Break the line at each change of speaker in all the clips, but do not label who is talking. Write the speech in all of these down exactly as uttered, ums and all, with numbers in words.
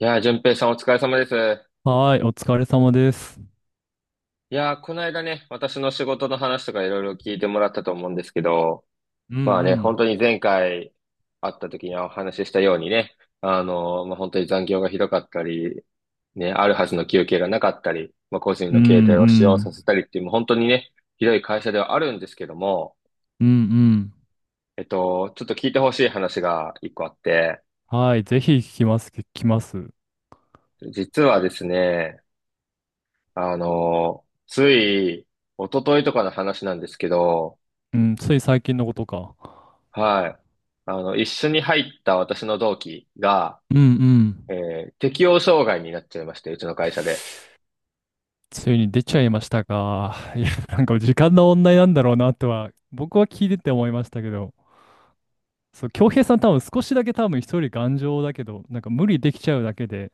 いやー、淳平さんお疲れ様です。
はーい、お疲れ様です。
いやー、この間ね、私の仕事の話とかいろいろ聞いてもらったと思うんですけど、
う
まあね、本
ん
当に前回会った時にお話ししたようにね、あのーまあ、本当に残業がひどかったり、ね、あるはずの休憩がなかったり、まあ、個人
うん。
の
う
携帯
ん
を使用
う
さ
ん。
せたりっていう、もう本当にね、ひどい会社ではあるんですけども、
うんうん。
えっと、ちょっと聞いてほしい話が一個あって、
はい、ぜひ聞きます、聞きます。
実はですね、あのーつい、一昨日とかの話なんですけど、
うん、つい最近のことか。
はい。あの、一緒に入った私の同期が、
うんう
え
ん。
ー適応障害になっちゃいまして、うちの会社で。
ついに出ちゃいましたか。いや、なんか時間の問題なんだろうなとは、僕は聞いてて思いましたけど、そう、恭平さん多分少しだけ多分一人頑丈だけど、なんか無理できちゃうだけで。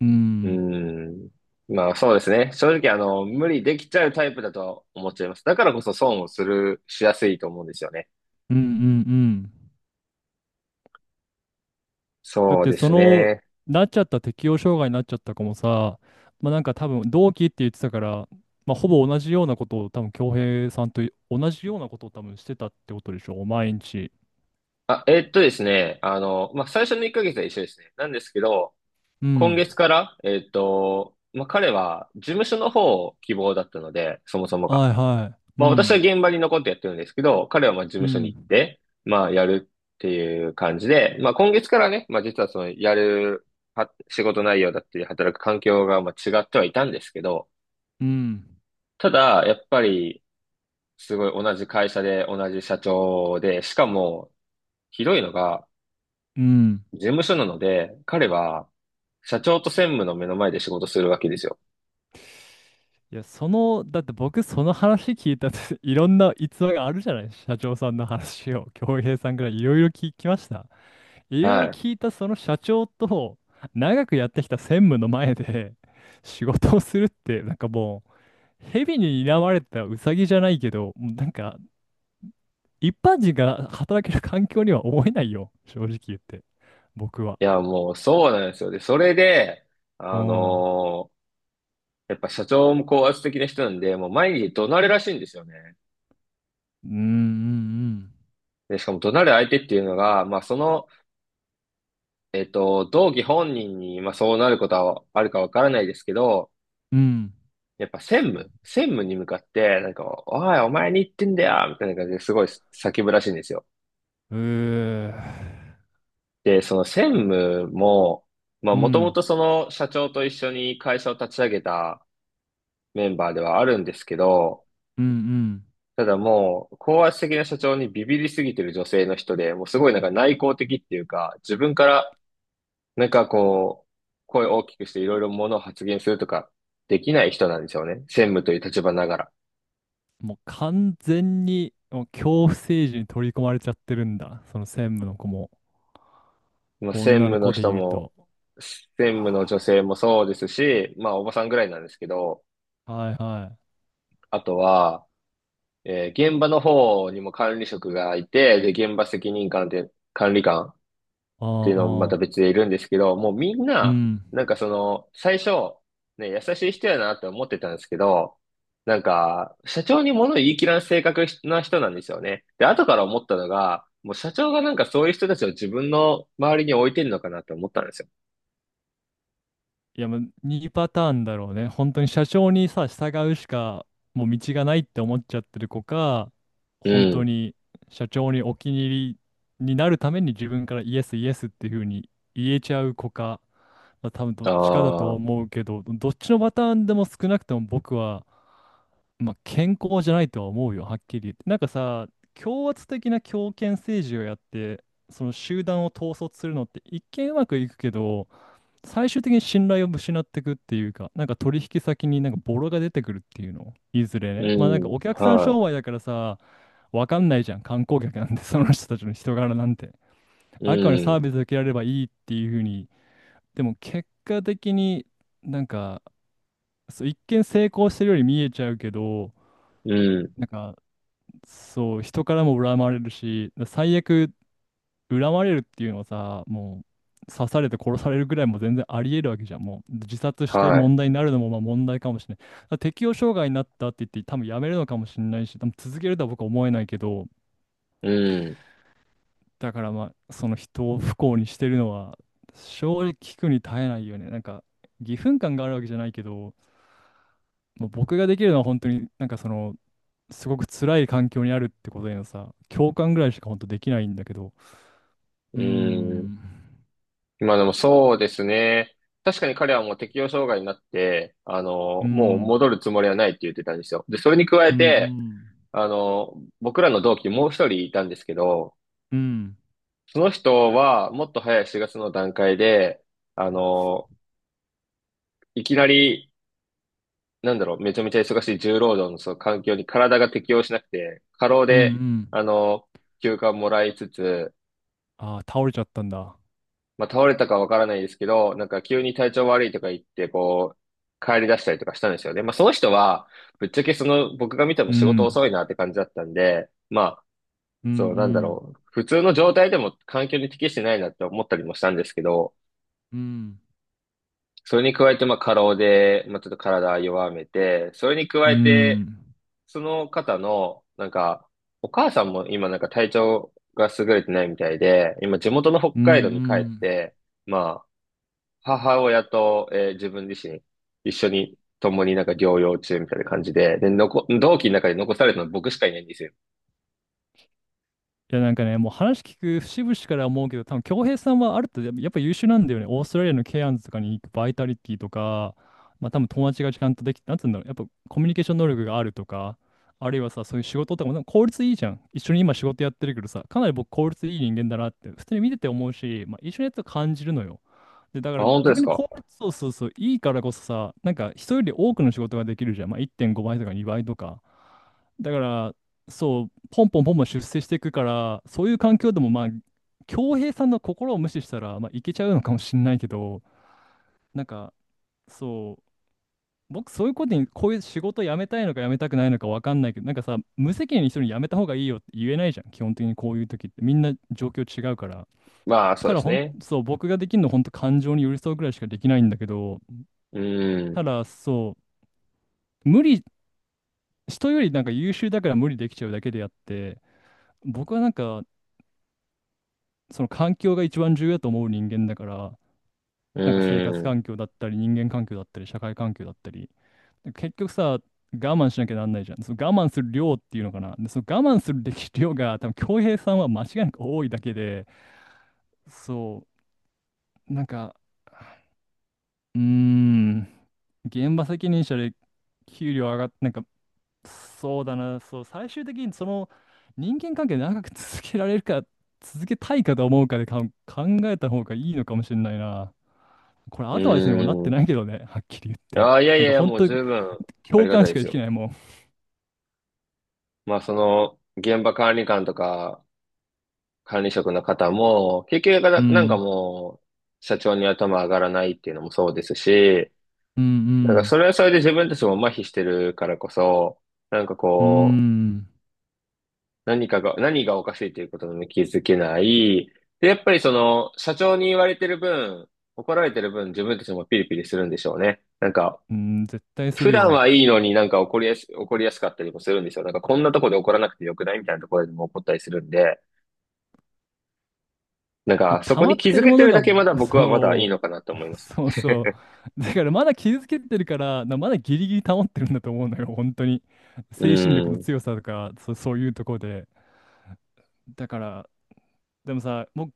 う
うー
ん、
ん。まあそうですね。正直、あの、無理できちゃうタイプだとは思っちゃいます。だからこそ損をする、しやすいと思うんですよね。
うんうんうん。だっ
そう
て
で
そ
す
の、
ね。
なっちゃった適応障害になっちゃった子もさ、まあなんか多分同期って言ってたから、まあほぼ同じようなことを多分恭平さんと同じようなことを多分してたってことでしょ、毎日。
あ、えーっとですね。あの、まあ最初のいっかげつは一緒ですね。なんですけど、
う
今
ん。
月から、えーっと、まあ彼は事務所の方を希望だったので、そもそもが。
はいはい。う
まあ私は
ん。
現場に残ってやってるんですけど、彼はまあ事
う
務所に行っ
ん。
て、まあやるっていう感じで、まあ今月からね、まあ実はそのやるは仕事内容だったり働く環境がまあ違ってはいたんですけど、
うん。
ただやっぱりすごい同じ会社で同じ社長で、しかもひどいのが
うん。
事務所なので、彼は社長と専務の目の前で仕事するわけですよ。
いや、その、だって僕その話聞いたって いろんな逸話があるじゃない、社長さんの話を、恭平さんからいろいろ聞きました。いろいろ
はい。
聞いたその社長と長くやってきた専務の前で 仕事をするって、なんかもう、蛇に睨まれたウサギじゃないけど、もうなんか一般人が働ける環境には思えないよ、正直言って、僕は。
いやもうそうなんですよ。で、それで、
う
あ
ん。うん
のーやっぱ社長も高圧的な人なんで、もう毎日怒鳴るらしいんですよね。
うん
で、しかも怒鳴る相手っていうのが、まあその、えっと、同期本人に、まあそうなることはあるかわからないですけど、
うん。
やっぱ専務、専務に向かって、なんか、おい、お前に言ってんだよみたいな感じですごい叫ぶらしいんですよ。
うん。うーん。
で、その専務も、まあ
う
もとも
ん
とその社長と一緒に会社を立ち上げたメンバーではあるんですけど、
うんうん。
ただもう、高圧的な社長にビビりすぎてる女性の人で、もうすごいなんか内向的っていうか、自分からなんかこう、声を大きくしていろいろものを発言するとかできない人なんですよね。専務という立場ながら。
もう完全に、もう恐怖政治に取り込まれちゃってるんだ、その専務の子も、
まあ、専
女の
務の
子で
人
言う
も、
と。
専務の女
あー、
性もそうですし、まあおばさんぐらいなんですけど、
はいはい。
あとは、えー現場の方にも管理職がいて、で、現場責任官で、管理官っ
う
ていうのもま
んう
た
ん。
別でいるんですけど、もうみん
う
な、
ん。
なんかその、最初、ね、優しい人やなって思ってたんですけど、なんか、社長に物言い切らん性格な人なんですよね。で、後から思ったのが、もう社長がなんかそういう人たちを自分の周りに置いてるのかなって思ったんですよ。
いや、もうにパターンだろうね。本当に社長にさ、従うしかもう道がないって思っちゃってる子か、
う
本当
ん。
に社長にお気に入りになるために自分からイエスイエスっていうふうに言えちゃう子か、まあ、多分ど
あ
っちかだとは
あ、
思うけど、どっちのパターンでも少なくとも僕は、まあ、健康じゃないとは思うよ、はっきり言って。なんかさ、強圧的な強権政治をやって、その集団を統率するのって一見うまくいくけど、最終的に信頼を失っていくっていうか、なんか取引先になんかボロが出てくるっていうの、いずれ
う
ね。まあなんか
ん、
お客さん商
は
売だからさ、わかんないじゃん、観光客なんて、その人たちの人柄なんて。
い、
あくまで
う
サー
ん、
ビスを受けられればいいっていうふうに。でも結果的になんか、そう、一見成功してるように見えちゃうけど、
うん、
なんか、そう、人からも恨まれるし、最悪、恨まれるっていうのはさ、もう刺されて殺されるぐらいも全然あり得るわけじゃん。もう自殺して
は
問題になるのもまあ問題かもしれない。だから適応障害になったって言って多分やめるのかもしれないし、多分続けるとは僕は思えないけど、
い、うん、
だからまあその人を不幸にしてるのは、正直聞くに耐えないよね。なんか義憤感があるわけじゃないけど、もう僕ができるのは本当になんか、そのすごく辛い環境にあるってことへのさ、共感ぐらいしか本当できないんだけど。う
う
ー
ん。
ん。
今でもそうですね。確かに彼はもう適応障害になって、あ
う
の、もう
ん。
戻るつもりはないって言ってたんですよ。で、それに加
う
え
んう
て、
ん。
あの、僕らの同期にもう一人いたんですけど、
うん、
その人はもっと早いしがつの段階で、あの、いきなり、なんだろう、めちゃめちゃ忙しい重労働のその環境に体が適応しなくて、過労
うん、う
で、
ん。
あの、休暇をもらいつつ、
ああ、倒れちゃったんだ。
まあ、倒れたかわからないですけど、なんか急に体調悪いとか言って、こう、帰り出したりとかしたんですよね。まあ、その人は、ぶっちゃけその、僕が見ても
う
仕事
ん、
遅いなって感じだったんで、まあ、
うん、う
そう、なんだ
ん、
ろう。普通の状態でも環境に適してないなって思ったりもしたんですけど、
うん、
それに加えて、まあ、過労で、まあ、ちょっと体弱めて、それに加
う
えて、
ん、
その方の、なんか、お母さんも今なんか体調が優れてないみたいで、今地元の北
うん、う
海道に帰っ
ん。
て、まあ、母親と、えー自分自身、一緒に、共になんか療養中みたいな感じで、で、残、同期の中で残されたのは僕しかいないんですよ。
いやなんかね、もう話聞く節々から思うけど、多分恭平さんはあると、やっぱやっぱ優秀なんだよね。オーストラリアのケアンズとかに行くバイタリティとか、まあ多分友達がちゃんとできて、なんつうんだろう、やっぱコミュニケーション能力があるとか、あるいはさ、そういう仕事とかもなんか効率いいじゃん。一緒に今仕事やってるけどさ、かなり僕効率いい人間だなって、普通に見てて思うし、まあ一緒にやってると感じるのよ。で、だか
あ、
ら
本当で
逆
す
に
か。
効率、そうそうそう、いいからこそさ、なんか人より多くの仕事ができるじゃん。まあいってんごばいとかにばいとか。だから、そう、ポンポンポンポン出世していくから、そういう環境でも、まあ、恭平さんの心を無視したら、まあ、いけちゃうのかもしれないけど、なんか、そう、僕、そういうことに、こういう仕事辞めたいのか辞めたくないのか分かんないけど、なんかさ、無責任に人に辞めた方がいいよって言えないじゃん、基本的にこういう時って、みんな状況違うから。
まあ、そ
た
うで
だ、
す
ほん、
ね。
そう、僕ができるのは、本当感情に寄り添うぐらいしかできないんだけど、
うーん、
ただ、そう、無理、人よりなんか優秀だから無理できちゃうだけであって、僕はなんか、その環境が一番重要だと思う人間だから、
う
なんか生
ー
活
ん、
環境だったり、人間環境だったり、社会環境だったり、結局さ、我慢しなきゃなんないじゃん。その我慢する量っていうのかな。で、その我慢するべき量が、多分恭平さんは間違いなく多いだけで、そう、なんか、うーん、現場責任者で給料上がっ、なんかそうだな、そう、最終的にその人間関係長く続けられるか、続けたいかと思うかで、かん考えた方がいいのかもしれないな。これアドバイスにもなって
う
ないけどね、はっきり言
ーん。
って。
ああ、いやい
なん
やい
か
や、
本
もう
当に
十分あり
共
がた
感
い
し
で
か
す
でき
よ。
ないもん。
まあ、その、現場管理官とか、管理職の方も、結局な、
う
なんか
ん、
もう、社長に頭上がらないっていうのもそうですし、
うん、う
なんかそ
ん、
れはそれで自分たちも麻痺してるからこそ、なんか
う
こう、
ん、
何かが、何がおかしいということに気づけない。で、やっぱりその、社長に言われてる分、怒られてる分、自分たちもピリピリするんでしょうね。なんか、
うん、絶対す
普
る
段
よ。
はいいのになんか怒りやす、怒りやすかったりもするんですよ。なんか、こんなとこで怒らなくてよくないみたいなところでも怒ったりするんで、なんか、そ
溜
こ
ま
に
っ
気
て
づ
る
け
も
て
の
る
が、
だけまだ僕はまだいいの
そ
かな
う、
と思い ますね。
そうそ う。だからまだ傷つけてるから、なまだギリギリ保ってるんだと思うのよ、本当に。
う
精神力の
ん。い
強さとか、そ、そういうところで。だから、でもさ、も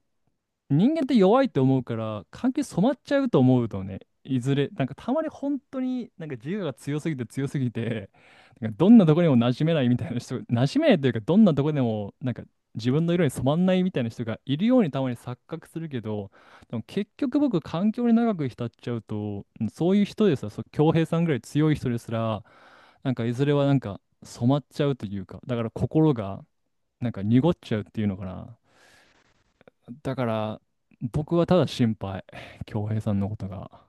人間って弱いって思うから関係染まっちゃうと思うとね、いずれ。なんかたまに本当になんか自我が強すぎて強すぎて、なんかどんなとこにも馴染めないみたいな人、馴染めないというか、どんなとこでもなんか自分の色に染まんないみたいな人がいるようにたまに錯覚するけど、でも結局、僕、環境に長く浸っちゃうと、うんそういう人ですら、そう、恭平さんぐらい強い人ですら、なんかいずれはなんか染まっちゃうというか。だから、心がなんか濁っちゃうっていうのかな。だから、僕はただ心配。恭平さんのことが。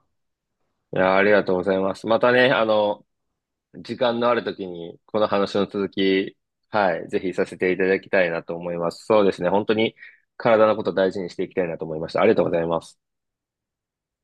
や、ありがとうございます。またね、あの、時間のあるときに、この話の続き、はい、ぜひさせていただきたいなと思います。そうですね、本当に体のことを大事にしていきたいなと思いました。ありがとうございます。